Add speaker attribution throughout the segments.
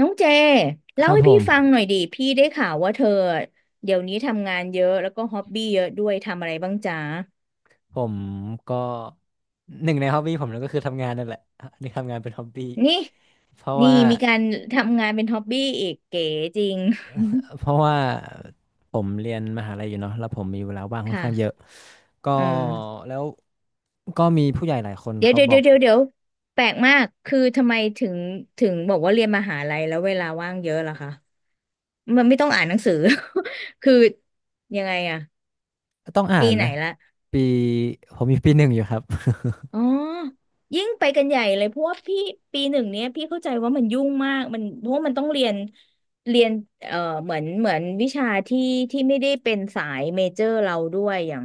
Speaker 1: น้องเจ
Speaker 2: ค
Speaker 1: เล่า
Speaker 2: รับ
Speaker 1: ให้
Speaker 2: ผ
Speaker 1: พี่ฟัง
Speaker 2: ม
Speaker 1: หน่อยดิพี่ได้ข่าวว่าเธอเดี๋ยวนี้ทำงานเยอะแล้วก็ฮ็อบบี้เยอะด้วยทำอะไรบ้างจ๊ะ
Speaker 2: ผมก็หนึ่งในฮอบบี้ผมนั่นก็คือทำงานนั่นแหละนี่ทำงานเป็นฮอบบี้
Speaker 1: นี่
Speaker 2: เพราะ
Speaker 1: นี่
Speaker 2: ว่า
Speaker 1: มีการทำงานเป็นฮ็อบบี้อีกเก๋จริง
Speaker 2: เพราะว่าผมเรียนมหาลัยอยู่เนาะแล้วผมมีเวลาว่าง ค่อนข้างเยอะ
Speaker 1: ค่ะ
Speaker 2: ก็
Speaker 1: เออ
Speaker 2: แล้วก็มีผู้ใหญ่หลายคน
Speaker 1: เดี๋ยว
Speaker 2: เขา
Speaker 1: เดี๋ยว
Speaker 2: บอ
Speaker 1: เดี๋ย
Speaker 2: ก
Speaker 1: วเดี๋ยวเดี๋ยวแปลกมากคือทำไมถึงบอกว่าเรียนมหาลัยแล้วเวลาว่างเยอะล่ะคะมันไม่ต้องอ่านหนังสือ คือยังไงอะ
Speaker 2: ต้องอ่า
Speaker 1: ปี
Speaker 2: น
Speaker 1: ไหน
Speaker 2: นะ
Speaker 1: ละ
Speaker 2: ปีผมมีปีหนึ่งอยู่ครับ
Speaker 1: อ๋อยิ่งไปกันใหญ่เลยเพราะว่าพี่ปีหนึ่งเนี้ยพี่เข้าใจว่ามันยุ่งมากมันเพราะว่ามันต้องเรียนเอ่อเหมือนวิชาที่ไม่ได้เป็นสายเมเจอร์เราด้วยอย่าง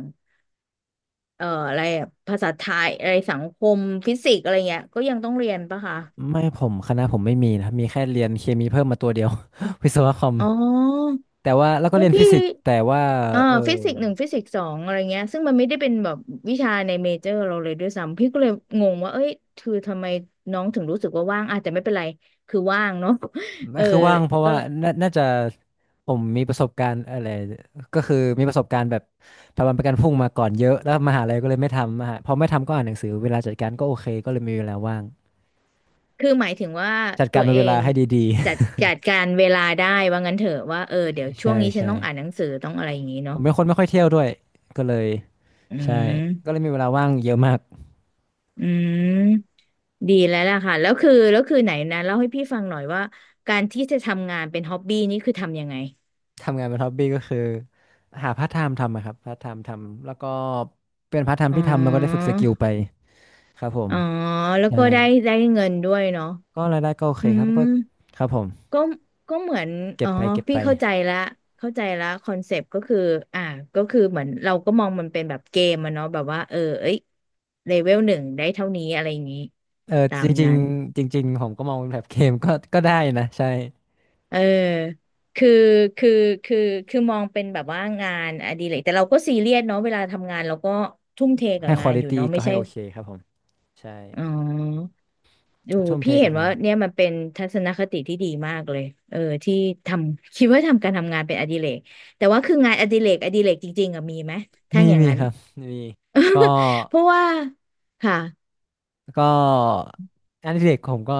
Speaker 1: อะไรอะภาษาไทยอะไรสังคมฟิสิกส์อะไรเงี้ยก็ยังต้องเรียนปะคะ
Speaker 2: ไม่ผมคณะผมไม่มีนะครับมีแค่เรียนเคมีเพิ่มมาตัวเดียว วิศวะคอม
Speaker 1: อ๋อ
Speaker 2: แต่ว่าแล้วก็
Speaker 1: แล้ว
Speaker 2: เรียนฟิ
Speaker 1: พี่
Speaker 2: สิกส์แต่ว่า
Speaker 1: อ่า
Speaker 2: เออ
Speaker 1: ฟิสิกส์หนึ่งฟิสิกส์สองอะไรเงี้ยซึ่งมันไม่ได้เป็นแบบวิชาในเมเจอร์เราเลยด้วยซ้ำพี่ก็เลยงงว่าเอ้ยคือทำไมน้องถึงรู้สึกว่าว่างอ่ะแต่ไม่เป็นไรคือว่างเนาะ
Speaker 2: ไม่
Speaker 1: เออ
Speaker 2: คือว่างเพราะ
Speaker 1: ก็
Speaker 2: ว่าน่าจะ ผมมีประสบการณ์อะไรก็คือมีประสบการณ์แบบทำวันประกันพรุ่งมาก่อนเยอะแล้วมหาลัยก็เลยไม่ทำมหาพอไม่ทำก็อ่านหนังสือเวลาจัดการก็โอเคก็เลยมีเวลาว่าง
Speaker 1: คือหมายถึงว่า
Speaker 2: จัด
Speaker 1: ตั
Speaker 2: การ
Speaker 1: วเอ
Speaker 2: เวลา
Speaker 1: ง
Speaker 2: ให้ดี
Speaker 1: จัดการเวลาได้ว่างั้นเถอะว่าเออเดี๋
Speaker 2: ๆ
Speaker 1: ยว ช่วง
Speaker 2: ใช่
Speaker 1: นี้ฉัน
Speaker 2: ใช่
Speaker 1: ต้องอ่านหนังสือต้องอะไรอย่างงี้
Speaker 2: ผ
Speaker 1: เนาะ
Speaker 2: มเป็นคนไม่ค่อยเที่ยวด้วยก็เลย
Speaker 1: อื
Speaker 2: ใช่ก็เล
Speaker 1: ม
Speaker 2: ยมีเวลาว่างเยอะมาก
Speaker 1: อืมดีแล้วล่ะค่ะแล้วคือไหนนะเล่าให้พี่ฟังหน่อยว่าการที่จะทำงานเป็นฮ็อบบี้นี่คือทำยังไง
Speaker 2: ทำงานเป็นฮ็อบบี้ก็คือหาพาร์ทไทม์ทำอะครับพาร์ทไทม์ทำแล้วก็เป็นพาร์ทไทม์
Speaker 1: อ๋
Speaker 2: ที่ทำแล้วก็ได้ฝึ
Speaker 1: อ
Speaker 2: กสกิลไปครับผม
Speaker 1: อ๋อแล้ว
Speaker 2: ใช่
Speaker 1: ก็ได้ได้เงินด้วยเนาะ
Speaker 2: ก็รายได้ก็โอเค
Speaker 1: อื
Speaker 2: ครับ
Speaker 1: ม
Speaker 2: ก็ครับผม
Speaker 1: ก็ก็เหมือน
Speaker 2: เก็
Speaker 1: อ๋
Speaker 2: บ
Speaker 1: อ
Speaker 2: ไปเก็บ
Speaker 1: พี่
Speaker 2: ไป
Speaker 1: เข้าใจละเข้าใจละคอนเซปต์ก็คืออ่าก็คือเหมือนเราก็มองมันเป็นแบบเกมอะเนาะแบบว่าเออเอ้ยเลเวลหนึ่งได้เท่านี้อะไรอย่างนี้
Speaker 2: เออ
Speaker 1: ตา
Speaker 2: จ
Speaker 1: ม
Speaker 2: ริง
Speaker 1: นั้น
Speaker 2: ๆจริงๆผมก็มองเป็นแบบเกมก็ ก็ได้นะใช่
Speaker 1: เออคือคือคือคือมองเป็นแบบว่างานอดิเรกแต่เราก็ซีเรียสเนาะเวลาทำงานเราก็ทุ่มเทกั
Speaker 2: ให้
Speaker 1: บ
Speaker 2: คว
Speaker 1: งา
Speaker 2: อ
Speaker 1: นอ
Speaker 2: ลิ
Speaker 1: ยู่
Speaker 2: ตี้
Speaker 1: เนาะ
Speaker 2: ก็
Speaker 1: ไม่
Speaker 2: ให้
Speaker 1: ใช่
Speaker 2: โอเคครับผมใช่
Speaker 1: อ๋อ ดู
Speaker 2: ก็ทุ่มเท
Speaker 1: พี่เห็
Speaker 2: กับ
Speaker 1: นว่า
Speaker 2: งาน
Speaker 1: เนี่ยมันเป็นทัศนคติที่ดีมากเลยเออที่ทำคิดว่าทำการทำงานเป็นอดิเรกแต่ว่าคืองานอดิเรกอดิเรกจริงๆอะมีไหมถ้า
Speaker 2: มี
Speaker 1: อย่าง
Speaker 2: มี
Speaker 1: นั้น
Speaker 2: ครับมีก็
Speaker 1: เพราะว่าค่ะ
Speaker 2: ก็งานอดิเรกผมก็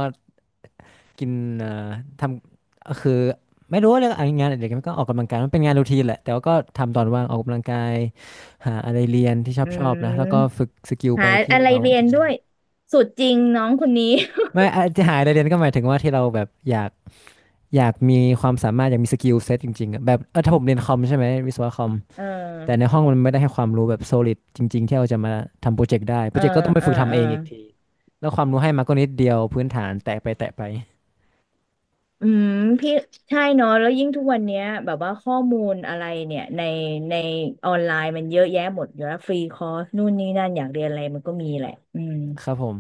Speaker 2: กินเอ่อทำคือไม่รู้ว่าเรื่องงานอดิเรกมันก็ออกกำลังกายมันเป็นงานรูทีนแหละแต่ว่าก็ทำตอนว่างออกกำลังกายหาอะไรเรียนที่ชอ
Speaker 1: อื
Speaker 2: บชอบนะแล้วก็
Speaker 1: ม
Speaker 2: ฝึกสกิลไป
Speaker 1: หา
Speaker 2: ที่
Speaker 1: อะไร
Speaker 2: เรา
Speaker 1: เรียนด้วยสุดจริงน้องคนนี้
Speaker 2: ไม่อาจจะหาอะไรเรียนก็หมายถึงว่าที่เราแบบอยาก อยากมีความสามารถอยากมีสกิลเซ็ตจริงๆอะแบบเออถ้าผมเรียนคอมใช่ไหมวิศวะคอม
Speaker 1: เออ
Speaker 2: แต่ในห้องมันไม่ได้ให้ความรู้แบบ solid จริงๆที่เราจะมาทำโปรเจกต์ได้โป
Speaker 1: เอ
Speaker 2: ร
Speaker 1: อ
Speaker 2: เจกต์ก็ต้องไป
Speaker 1: เออ
Speaker 2: ฝึก
Speaker 1: เอ
Speaker 2: ทำ
Speaker 1: อ
Speaker 2: เองอีกทีแล้วความรู้ให้มาก็นิดเดียวพื้นฐานแตะไปแตะไป
Speaker 1: อืมพี่ใช่เนาะแล้วยิ่งทุกวันเนี้ยแบบว่าข้อมูลอะไรเนี่ยในออนไลน์มันเยอะแยะหมดอยู่แล้วฟรีคอร์สนู่นนี่นั่นอยากเรียนอะไรมันก็มีแหละอืม
Speaker 2: ครับผม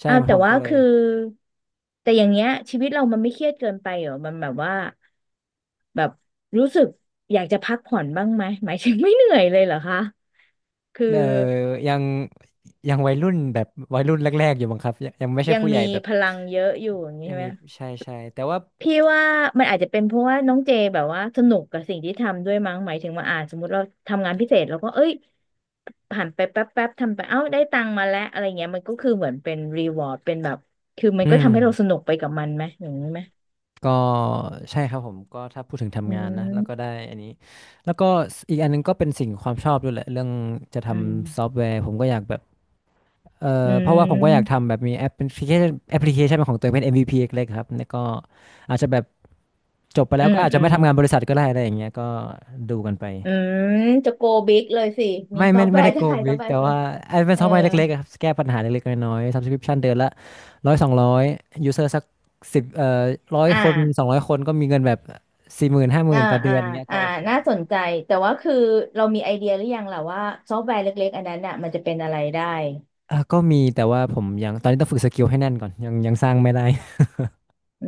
Speaker 2: ใช่
Speaker 1: อ้าวแต่
Speaker 2: ผม
Speaker 1: ว่า
Speaker 2: ก็เลย
Speaker 1: คือแต่อย่างเงี้ยชีวิตเรามันไม่เครียดเกินไปเหรอมันแบบว่าแบบรู้สึกอยากจะพักผ่อนบ้างไหมหมายถึงไม่เหนื่อยเลยเหรอคะคือ
Speaker 2: เออยังยังวัยรุ่นแบบวัยรุ่นแรกๆอยู่บ้างครับยังไม่ใช่
Speaker 1: ยัง
Speaker 2: ผู้ให
Speaker 1: มี
Speaker 2: ญ่แบบ
Speaker 1: พลังเยอะอยู่อย่างนี้
Speaker 2: ยัง
Speaker 1: ใช่ไห
Speaker 2: มี
Speaker 1: ม
Speaker 2: ใช่ใช่แต่ว่า
Speaker 1: พี่ว่ามันอาจจะเป็นเพราะว่าน้องเจแบบว่าสนุกกับสิ่งที่ทำด้วยมั้งหมายถึงว่าอ่าสมมติเราทำงานพิเศษเราก็เอ้ยผ่านไปแป๊บแป๊บทำไปเอ้าได้ตังค์มาแล้วอะไรเงี้ยมันก็คือเหมือนเป็นรีวอร์ดเป็นแบบคือมั
Speaker 2: อื
Speaker 1: นก็ทำให้เราส
Speaker 2: ม
Speaker 1: นุกไปกับมันไหมอย่างนี้ไหม
Speaker 2: ก็ใช่ครับผมก็ถ้าพูดถึง
Speaker 1: อื
Speaker 2: ทำงานนะแล้วก็ได้
Speaker 1: ม
Speaker 2: อันนี้แล้วก็อีกอันหนึงก็เป็นสิ่งความชอบด้วยแหละเรื่องจะท
Speaker 1: อื
Speaker 2: ำซอ
Speaker 1: ม
Speaker 2: ฟต์แวร์ผมก็อยากแบบเอ
Speaker 1: อื
Speaker 2: อเพราะว่าผมก็อยาก
Speaker 1: ม
Speaker 2: ทำแบบมีแอปพลิเคชันแอปพลิเคชันเป็นของตัวเองเป็น MVP เล็กๆครับแล้วก็อาจจะแบบจบไปแล้
Speaker 1: อื
Speaker 2: ว
Speaker 1: ม
Speaker 2: ก็อาจ
Speaker 1: อื
Speaker 2: จะไม่
Speaker 1: ม
Speaker 2: ทำงานบริษัทก็ได้อะไรอย่างเงี้ยก็ดูกันไป
Speaker 1: อืม จะโกบิ๊กเลยสิ มี
Speaker 2: ไม่
Speaker 1: ซอ
Speaker 2: ไม่
Speaker 1: ฟต์แว
Speaker 2: ไม่ได้
Speaker 1: ร์
Speaker 2: โก
Speaker 1: จะ
Speaker 2: ง
Speaker 1: ขายซ
Speaker 2: บิ
Speaker 1: อฟ
Speaker 2: ก
Speaker 1: ต์แว
Speaker 2: แต่
Speaker 1: ร์ตัวเอ
Speaker 2: ว่า
Speaker 1: ง
Speaker 2: ไอ้เป็น
Speaker 1: เอ
Speaker 2: ซ
Speaker 1: อ
Speaker 2: อฟต์แวร์เล็กๆอะครับแก้ปัญหาเล็กๆน้อยๆ subscription เดือนละร้อยสองร้อยยูเซอร์สักสิบร้อย
Speaker 1: อ่า
Speaker 2: คนสองร้อยคนก็มีเงินแบบสี่หมื่นห้าห
Speaker 1: อ่า
Speaker 2: มื่นต่อเดื
Speaker 1: อ่า
Speaker 2: อนอย่างเงี้ย
Speaker 1: อ่า
Speaker 2: ก็โอ
Speaker 1: น่า
Speaker 2: เค
Speaker 1: สนใจ แต่ว่าคือเรามีไอเดียหรือยังล่ะว่าซอฟต์แวร์เล็กๆอันนั้นน่ะมันจะเป็นอะไรได้
Speaker 2: ก็มีแต่ว่าผมยังตอนนี้ต้องฝึกสกิลให้แน่นก่อนยังยังสร้างไม่ได้
Speaker 1: อื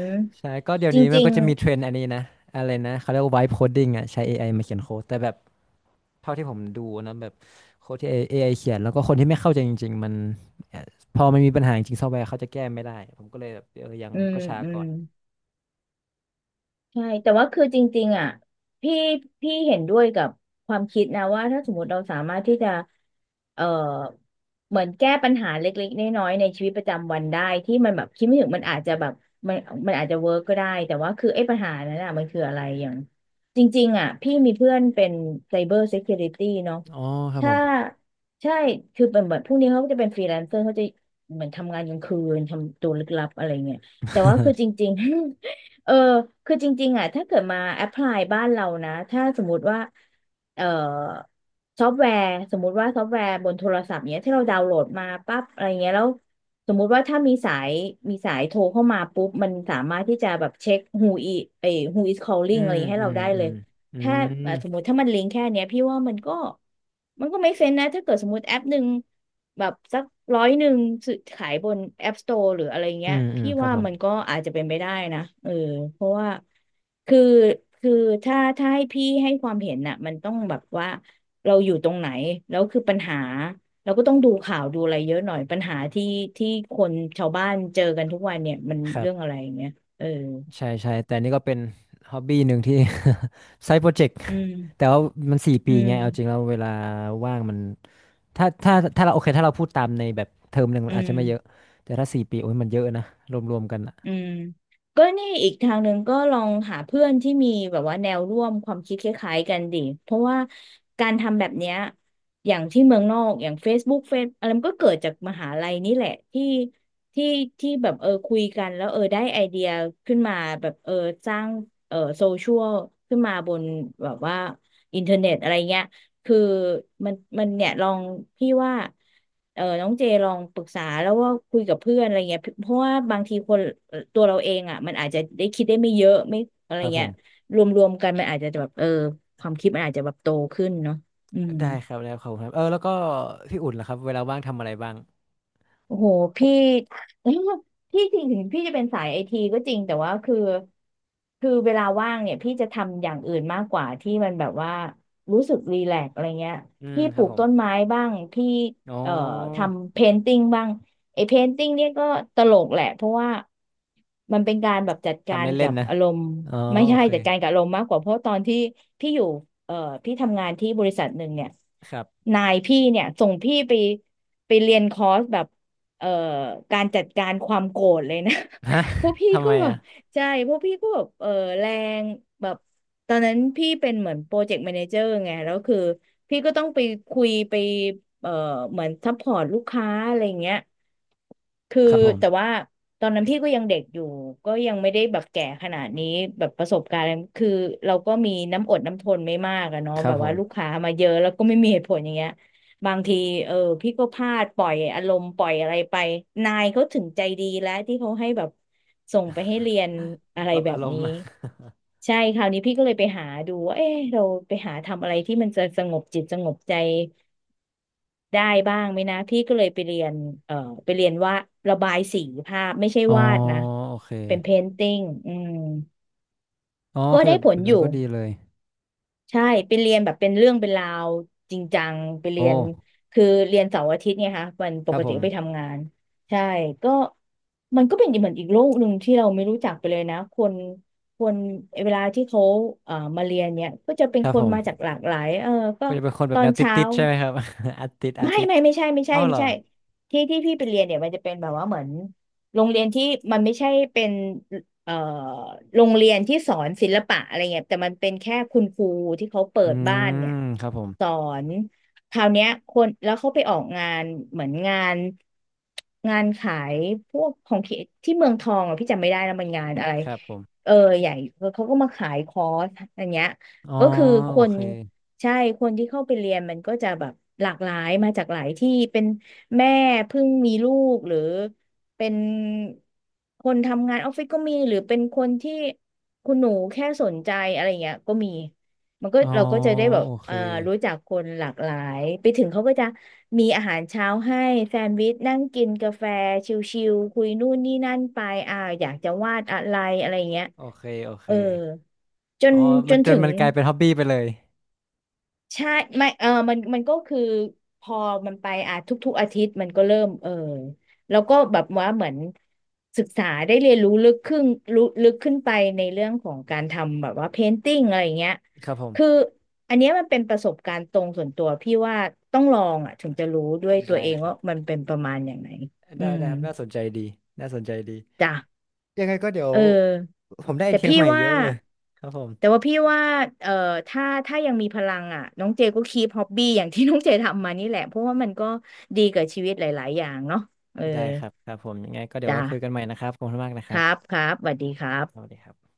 Speaker 2: ใช่ก็เดี๋ยว
Speaker 1: จ
Speaker 2: นี้มัน
Speaker 1: ริง
Speaker 2: ก็จะมีเทรนด์อันนี้นะอะไรนะเขาเรียกว่า vibe coding อ่ะใช้เอไอมาเขียนโค้ดแต่แบบ เท่าที่ผมดูนะแบบโค้ดที่ AI เขียนแล้วก็คนที่ไม่เข้าใจจริงๆมันเอ่อพอมันมีปัญหาจริงซอฟต์แวร์เขาจะแก้ไม่ได้ผมก็เลยแบบเออยั
Speaker 1: ๆ
Speaker 2: ง
Speaker 1: อืม
Speaker 2: ก็ช้า
Speaker 1: อื
Speaker 2: ก่
Speaker 1: ม
Speaker 2: อน
Speaker 1: ใช่แต่ว่าคือจริงๆอ่ะพี่พี่เห็นด้วยกับความคิดนะว่าถ้าสมมติเราสามารถที่จะเอ่อเหมือนแก้ปัญหาเล็กๆน้อยๆในชีวิตประจำวันได้ที่มันแบบคิดไม่ถึงมันอาจจะแบบมันมันอาจจะเวิร์กก็ได้แต่ว่าคือไอ้ปัญหานั้นอ่ะมันคืออะไรอย่างจริงๆอ่ะพี่มีเพื่อนเป็น Cyber Security เนาะ
Speaker 2: อ๋อครับผ
Speaker 1: ถ้า
Speaker 2: ม
Speaker 1: ใช่คือเป็นเหมือนพวกนี้เขาก็จะเป็นฟรีแลนเซอร์เขาจะเหมือนทำงานกลางคืนทำตัวลึกลับอะไรเงี้ยแต่ว่าคือจริงๆ เออคือจริงๆอ่ะถ้าเกิดมาแอพพลายบ้านเรานะถ้าสมมติว่าเอ่อซอฟต์แวร์สมมติว่าซอฟต์แวร์บนโทรศัพท์เนี้ยที่เราดาวน์โหลดมาปั๊บอะไรเงี้ยแล้วสมมุติว่าถ้ามีสายโทรเข้ามาปุ๊บมันสามารถที่จะแบบเช็ค who is เอ้ย who is
Speaker 2: อื
Speaker 1: calling อะไร
Speaker 2: ม
Speaker 1: ให้
Speaker 2: อื
Speaker 1: เรา
Speaker 2: ม
Speaker 1: ได้
Speaker 2: อื
Speaker 1: เล
Speaker 2: ม
Speaker 1: ย
Speaker 2: อื
Speaker 1: ถ้า
Speaker 2: ม
Speaker 1: อ่ะสมมติถ้ามันลิงก์แค่เนี้ยพี่ว่ามันก็ไม่เซนนะถ้าเกิดสมมติแอปหนึ่งแบบสักร้อยหนึ่งซื้อขายบน App Store หรืออะไร
Speaker 2: อื
Speaker 1: เงี้ย
Speaker 2: มอืม
Speaker 1: พี่
Speaker 2: ครับ
Speaker 1: ว่า
Speaker 2: ผม
Speaker 1: มันก็อาจจะเป็นไปได้นะเออเพราะว่าคือคือถ้าให้พี่ให้ความเห็นน่ะมันต้องแบบว่าเราอยู่ตรงไหนแล้วคือปัญหาเราก็ต้องดูข่าวดูอะไรเยอะหน่อยปัญหาที่คนชาวบ้านเจอกันทุกวันเนี่ยมัน
Speaker 2: ครั
Speaker 1: เรื่องอะ
Speaker 2: บ
Speaker 1: ไรอย่างเงี้ยเออ
Speaker 2: ใช่ใช่แต่นี่ก็เป็นฮ็อบบี้หนึ่งที่ ไซต์โปรเจกต์
Speaker 1: อื
Speaker 2: แต่
Speaker 1: ม
Speaker 2: ว่ามันสี่
Speaker 1: อื
Speaker 2: ปีไง
Speaker 1: ม
Speaker 2: เอาจริงแล้วเวลาว่างมันถ้าเราโอเคถ้าเราพูดตามในแบบเทอมหนึ่งมั
Speaker 1: อื
Speaker 2: นอาจจะไม่เยอะ
Speaker 1: ม
Speaker 2: แต่ถ้าสี่ปีโอ้ยมันเยอะนะรวมๆกันอะ
Speaker 1: อืมก็นี่อีกทางหนึ่งก็ลองหาเพื่อนที่มีแบบว่าแนวร่วมความคิดคล้ายๆกันดิเพราะว่าการทำแบบเนี้ยอย่างที่เมืองนอกอย่าง Facebook เฟซอะไรมันก็เกิดจากมหาลัยนี่แหละที่ที่แบบเออคุยกันแล้วเออได้ไอเดียขึ้นมาแบบเออสร้างเออโซเชียลขึ้นมาบนแบบว่าอินเทอร์เน็ตอะไรเงี้ย คือมันเนี่ยลองพี่ว่าเออน้องเจลองปรึกษาแล้วว่าคุยกับเพื่อนอะไรเงี้ยเพราะว่าบางทีคนตัวเราเองอ่ะมันอาจจะได้คิดได้ไม่เยอะไม่อะไร
Speaker 2: ครับผ
Speaker 1: เงี้ย
Speaker 2: ม
Speaker 1: รวมๆกันมันอาจจะแบบเออความคิดมันอาจจะแบบโตขึ้นเนาะอืม
Speaker 2: ได้ครับได้ครับขอบคุณครับเออแล้วก็พี่อุ่นล่ะครับเวลาว่างทำอะไรบ้าง
Speaker 1: โอ้โหพี่ พี่จริงถึงพี่จะเป็นสายไอทีก็จริงแต่ว่าคือเวลาว่างเนี่ยพี่จะทำอย่างอื่นมากกว่าที่มันแบบว่ารู้สึกรีแลกซ์อะไรเงี้ย
Speaker 2: อืม
Speaker 1: พี่
Speaker 2: ค
Speaker 1: ป
Speaker 2: รั
Speaker 1: ลู
Speaker 2: บ
Speaker 1: ก
Speaker 2: ผม
Speaker 1: ต้นไม้บ้างพี่
Speaker 2: อ๋อ
Speaker 1: เอ่อทำเพนติ้งบ้างไอเพนติ้งเนี่ยก็ตลกแหละเพราะว่ามันเป็นการแบบจัดกา
Speaker 2: ทำ
Speaker 1: ร
Speaker 2: เล่
Speaker 1: กั
Speaker 2: น
Speaker 1: บ
Speaker 2: ๆนะ
Speaker 1: อารมณ์
Speaker 2: อ๋อ
Speaker 1: ไม่
Speaker 2: โอ
Speaker 1: ใช่
Speaker 2: เค
Speaker 1: จัดการกับอารมณ์มากกว่าเพราะตอนที่พี่อยู่เอ่อพี่ทำงานที่บริษัทหนึ่งเนี่ย
Speaker 2: ครับ
Speaker 1: นายพี่เนี่ยส่งพี่ไปไปเรียนคอร์สแบบ เอ่อการจัดการความโกรธเลยนะ
Speaker 2: ฮะ
Speaker 1: พวกพี่
Speaker 2: ทำไม
Speaker 1: ก็แบบ
Speaker 2: อ่ะ
Speaker 1: ใช่พวกพี่ก็แบบเออแรงแบบตอนนั้นพี่เป็นเหมือนโปรเจกต์แมเนเจอร์ไงแล้วคือพี่ก็ต้องไปคุยไปเอ่อเหมือนซัพพอร์ตลูกค้าอะไรเงี้ยคือ
Speaker 2: ครับผม
Speaker 1: แต่ว่าตอนนั้นพี่ก็ยังเด็กอยู่ก็ยังไม่ได้แบบแก่ขนาดนี้แบบประสบการณ์อะไรคือเราก็มีน้ำอดน้ำทนไม่มากอะเนาะ
Speaker 2: ครั
Speaker 1: แบ
Speaker 2: บ
Speaker 1: บ
Speaker 2: ผ
Speaker 1: ว่าลูก
Speaker 2: ม
Speaker 1: ค้ามาเยอะแล้วก็ไม่มีเหตุผลอย่างเงี้ย บางทีเออพี่ก็พลาดปล่อยอารมณ์ปล่อยอะไรไปนายเขาถึงใจดีแล้วที่เขาให้แบบส่งไปให้เรียนอะไร
Speaker 2: ปรับ
Speaker 1: แบ
Speaker 2: อา
Speaker 1: บ
Speaker 2: รม
Speaker 1: นี้
Speaker 2: ณ์มา
Speaker 1: ใช่คราวนี้พี่ก็เลยไปหาดูว่าเอ๊ะเราไปหาทำอะไรที่มันจะสงบจิตสงบใจได้บ้างไหมนะพี่ก็เลยไปเรียนเอ่อไปเรียนว่าระบายสีภาพไม่ใช่
Speaker 2: อ๋อ
Speaker 1: วาดนะ
Speaker 2: โอเค
Speaker 1: เป็นเพนติ้งอืม
Speaker 2: อ๋อโอ
Speaker 1: ก็
Speaker 2: เค
Speaker 1: ได้
Speaker 2: แบบ
Speaker 1: ผ
Speaker 2: แบ
Speaker 1: ล
Speaker 2: บ
Speaker 1: อ
Speaker 2: นั้น
Speaker 1: ยู่
Speaker 2: ก็ดีเลย
Speaker 1: ใช่ไปเรียนแบบเป็นเรื่องเป็นราวจริงจังไปเรี
Speaker 2: โอ้
Speaker 1: ยนคือเรียนเสาร์อาทิตย์เนี่ยค่ะวันป
Speaker 2: ครับ
Speaker 1: ก
Speaker 2: ผ
Speaker 1: ติก็ไป
Speaker 2: ม
Speaker 1: ทำงานใช่ก็มันก็เป็นเหมือนอีกโลกหนึ่งที่เราไม่รู้จักไปเลยนะคนเวลาที่เขามาเรียนเนี่ยก็จะเป็น
Speaker 2: ครับ
Speaker 1: ค
Speaker 2: ผ
Speaker 1: นมาจาก
Speaker 2: ม
Speaker 1: หลากหลายเออก็
Speaker 2: ก็จะเป็นคนแบ
Speaker 1: ต
Speaker 2: บ
Speaker 1: อ
Speaker 2: แน
Speaker 1: น
Speaker 2: วต
Speaker 1: เช้า
Speaker 2: ิดๆใช่ไหมครับ อาติดอา
Speaker 1: ไม่
Speaker 2: ติด
Speaker 1: ไม่ไม่ใช่ไม่ใช่
Speaker 2: เอ้าเห
Speaker 1: ไม่
Speaker 2: รอ
Speaker 1: ใช่ที่พี่ไปเรียนเนี่ยมันจะเป็นแบบว่าเหมือนโรงเรียนที่มันไม่ใช่เป็นเอ่อโรงเรียนที่สอนศิลปะอะไรเงี้ยแต่มันเป็นแค่คุณครูที่เขาเปิ
Speaker 2: อื
Speaker 1: ดบ้านเนี่ย
Speaker 2: มครับผม
Speaker 1: สอนคราวเนี้ยคนแล้วเขาไปออกงานเหมือนงานขายพวกของที่เมืองทองอ่ะพี่จำไม่ได้แล้วมันงานอะไร
Speaker 2: ครับผม
Speaker 1: เออใหญ่เขาก็มาขายคอร์สอันเนี้ย
Speaker 2: อ๋อ
Speaker 1: ก็คือค
Speaker 2: โอ
Speaker 1: น
Speaker 2: เค
Speaker 1: ใช่คนที่เข้าไปเรียนมันก็จะแบบหลากหลายมาจากหลายที่เป็นแม่เพิ่งมีลูกหรือเป็นคนทำงานออฟฟิศก็มีหรือเป็นคนที่คุณหนูแค่สนใจอะไรเงี้ยก็มีมันก็
Speaker 2: อ๋อ
Speaker 1: เราก็จะได้แบบ
Speaker 2: โอเค
Speaker 1: รู้จักคนหลากหลายไปถึงเขาก็จะมีอาหารเช้าให้แซนด์วิชนั่งกินกาแฟชิลๆคุยนู่นนี่นั่นไปอ่าอยากจะวาดอะไรอะไรเงี้ย
Speaker 2: โอเคโอเค
Speaker 1: เออจ
Speaker 2: อ๋
Speaker 1: น
Speaker 2: อ
Speaker 1: จ
Speaker 2: มัน
Speaker 1: น
Speaker 2: จน
Speaker 1: ถึง
Speaker 2: มันกลายเป็นฮ็อบบี้ไปเลย
Speaker 1: ใช่ไม่เออมันก็คือพอมันไปอ่ะทุกๆอาทิตย์มันก็เริ่มเออแล้วก็แบบว่าเหมือนศึกษาได้เรียนรู้ลึกขึ้นรู้ลึกขึ้นไปในเรื่องของการทำแบบว่าเพนติ้งอะไรอย่างเงี้ย
Speaker 2: ครับผ
Speaker 1: คือ
Speaker 2: ม
Speaker 1: อันเนี้ยมันเป็นประสบการณ์ตรงส่วนตัวพี่ว่าต้องลองอ่ะถึงจะรู้ด้วยตัว
Speaker 2: ได้
Speaker 1: เอง
Speaker 2: ครั
Speaker 1: ว่า
Speaker 2: บ
Speaker 1: มันเป็นประมาณอย่างไหนอื
Speaker 2: ได้
Speaker 1: ม
Speaker 2: ได้ครับน่าสนใจดีน่าสนใจดี
Speaker 1: จ้ะ
Speaker 2: ยังไงก็เดี๋ยว
Speaker 1: เออ
Speaker 2: ผมได้ไอ
Speaker 1: แต่
Speaker 2: เทีย
Speaker 1: พี่
Speaker 2: ใหม่เย
Speaker 1: ว่า
Speaker 2: อะเลยครับผม
Speaker 1: แต่ว่าพี่ว่าเอ่อถ้ายังมีพลังอ่ะน้องเจก็คีปฮ็อบบี้อย่างที่ น้องเจทำมานี่แหละเพราะว่ามันก็ดีกับชีวิตหลาย ๆ อย่างเนาะเออ
Speaker 2: ได้ครับครับผมยังไงก็เดี๋ยว
Speaker 1: จ้า
Speaker 2: ไว้คุยกันใหม่นะครับขอบคุณมากนะค
Speaker 1: ค
Speaker 2: รั
Speaker 1: รับ
Speaker 2: บ
Speaker 1: ครับสวัสดีครั
Speaker 2: สวัส
Speaker 1: บ
Speaker 2: ดีครับ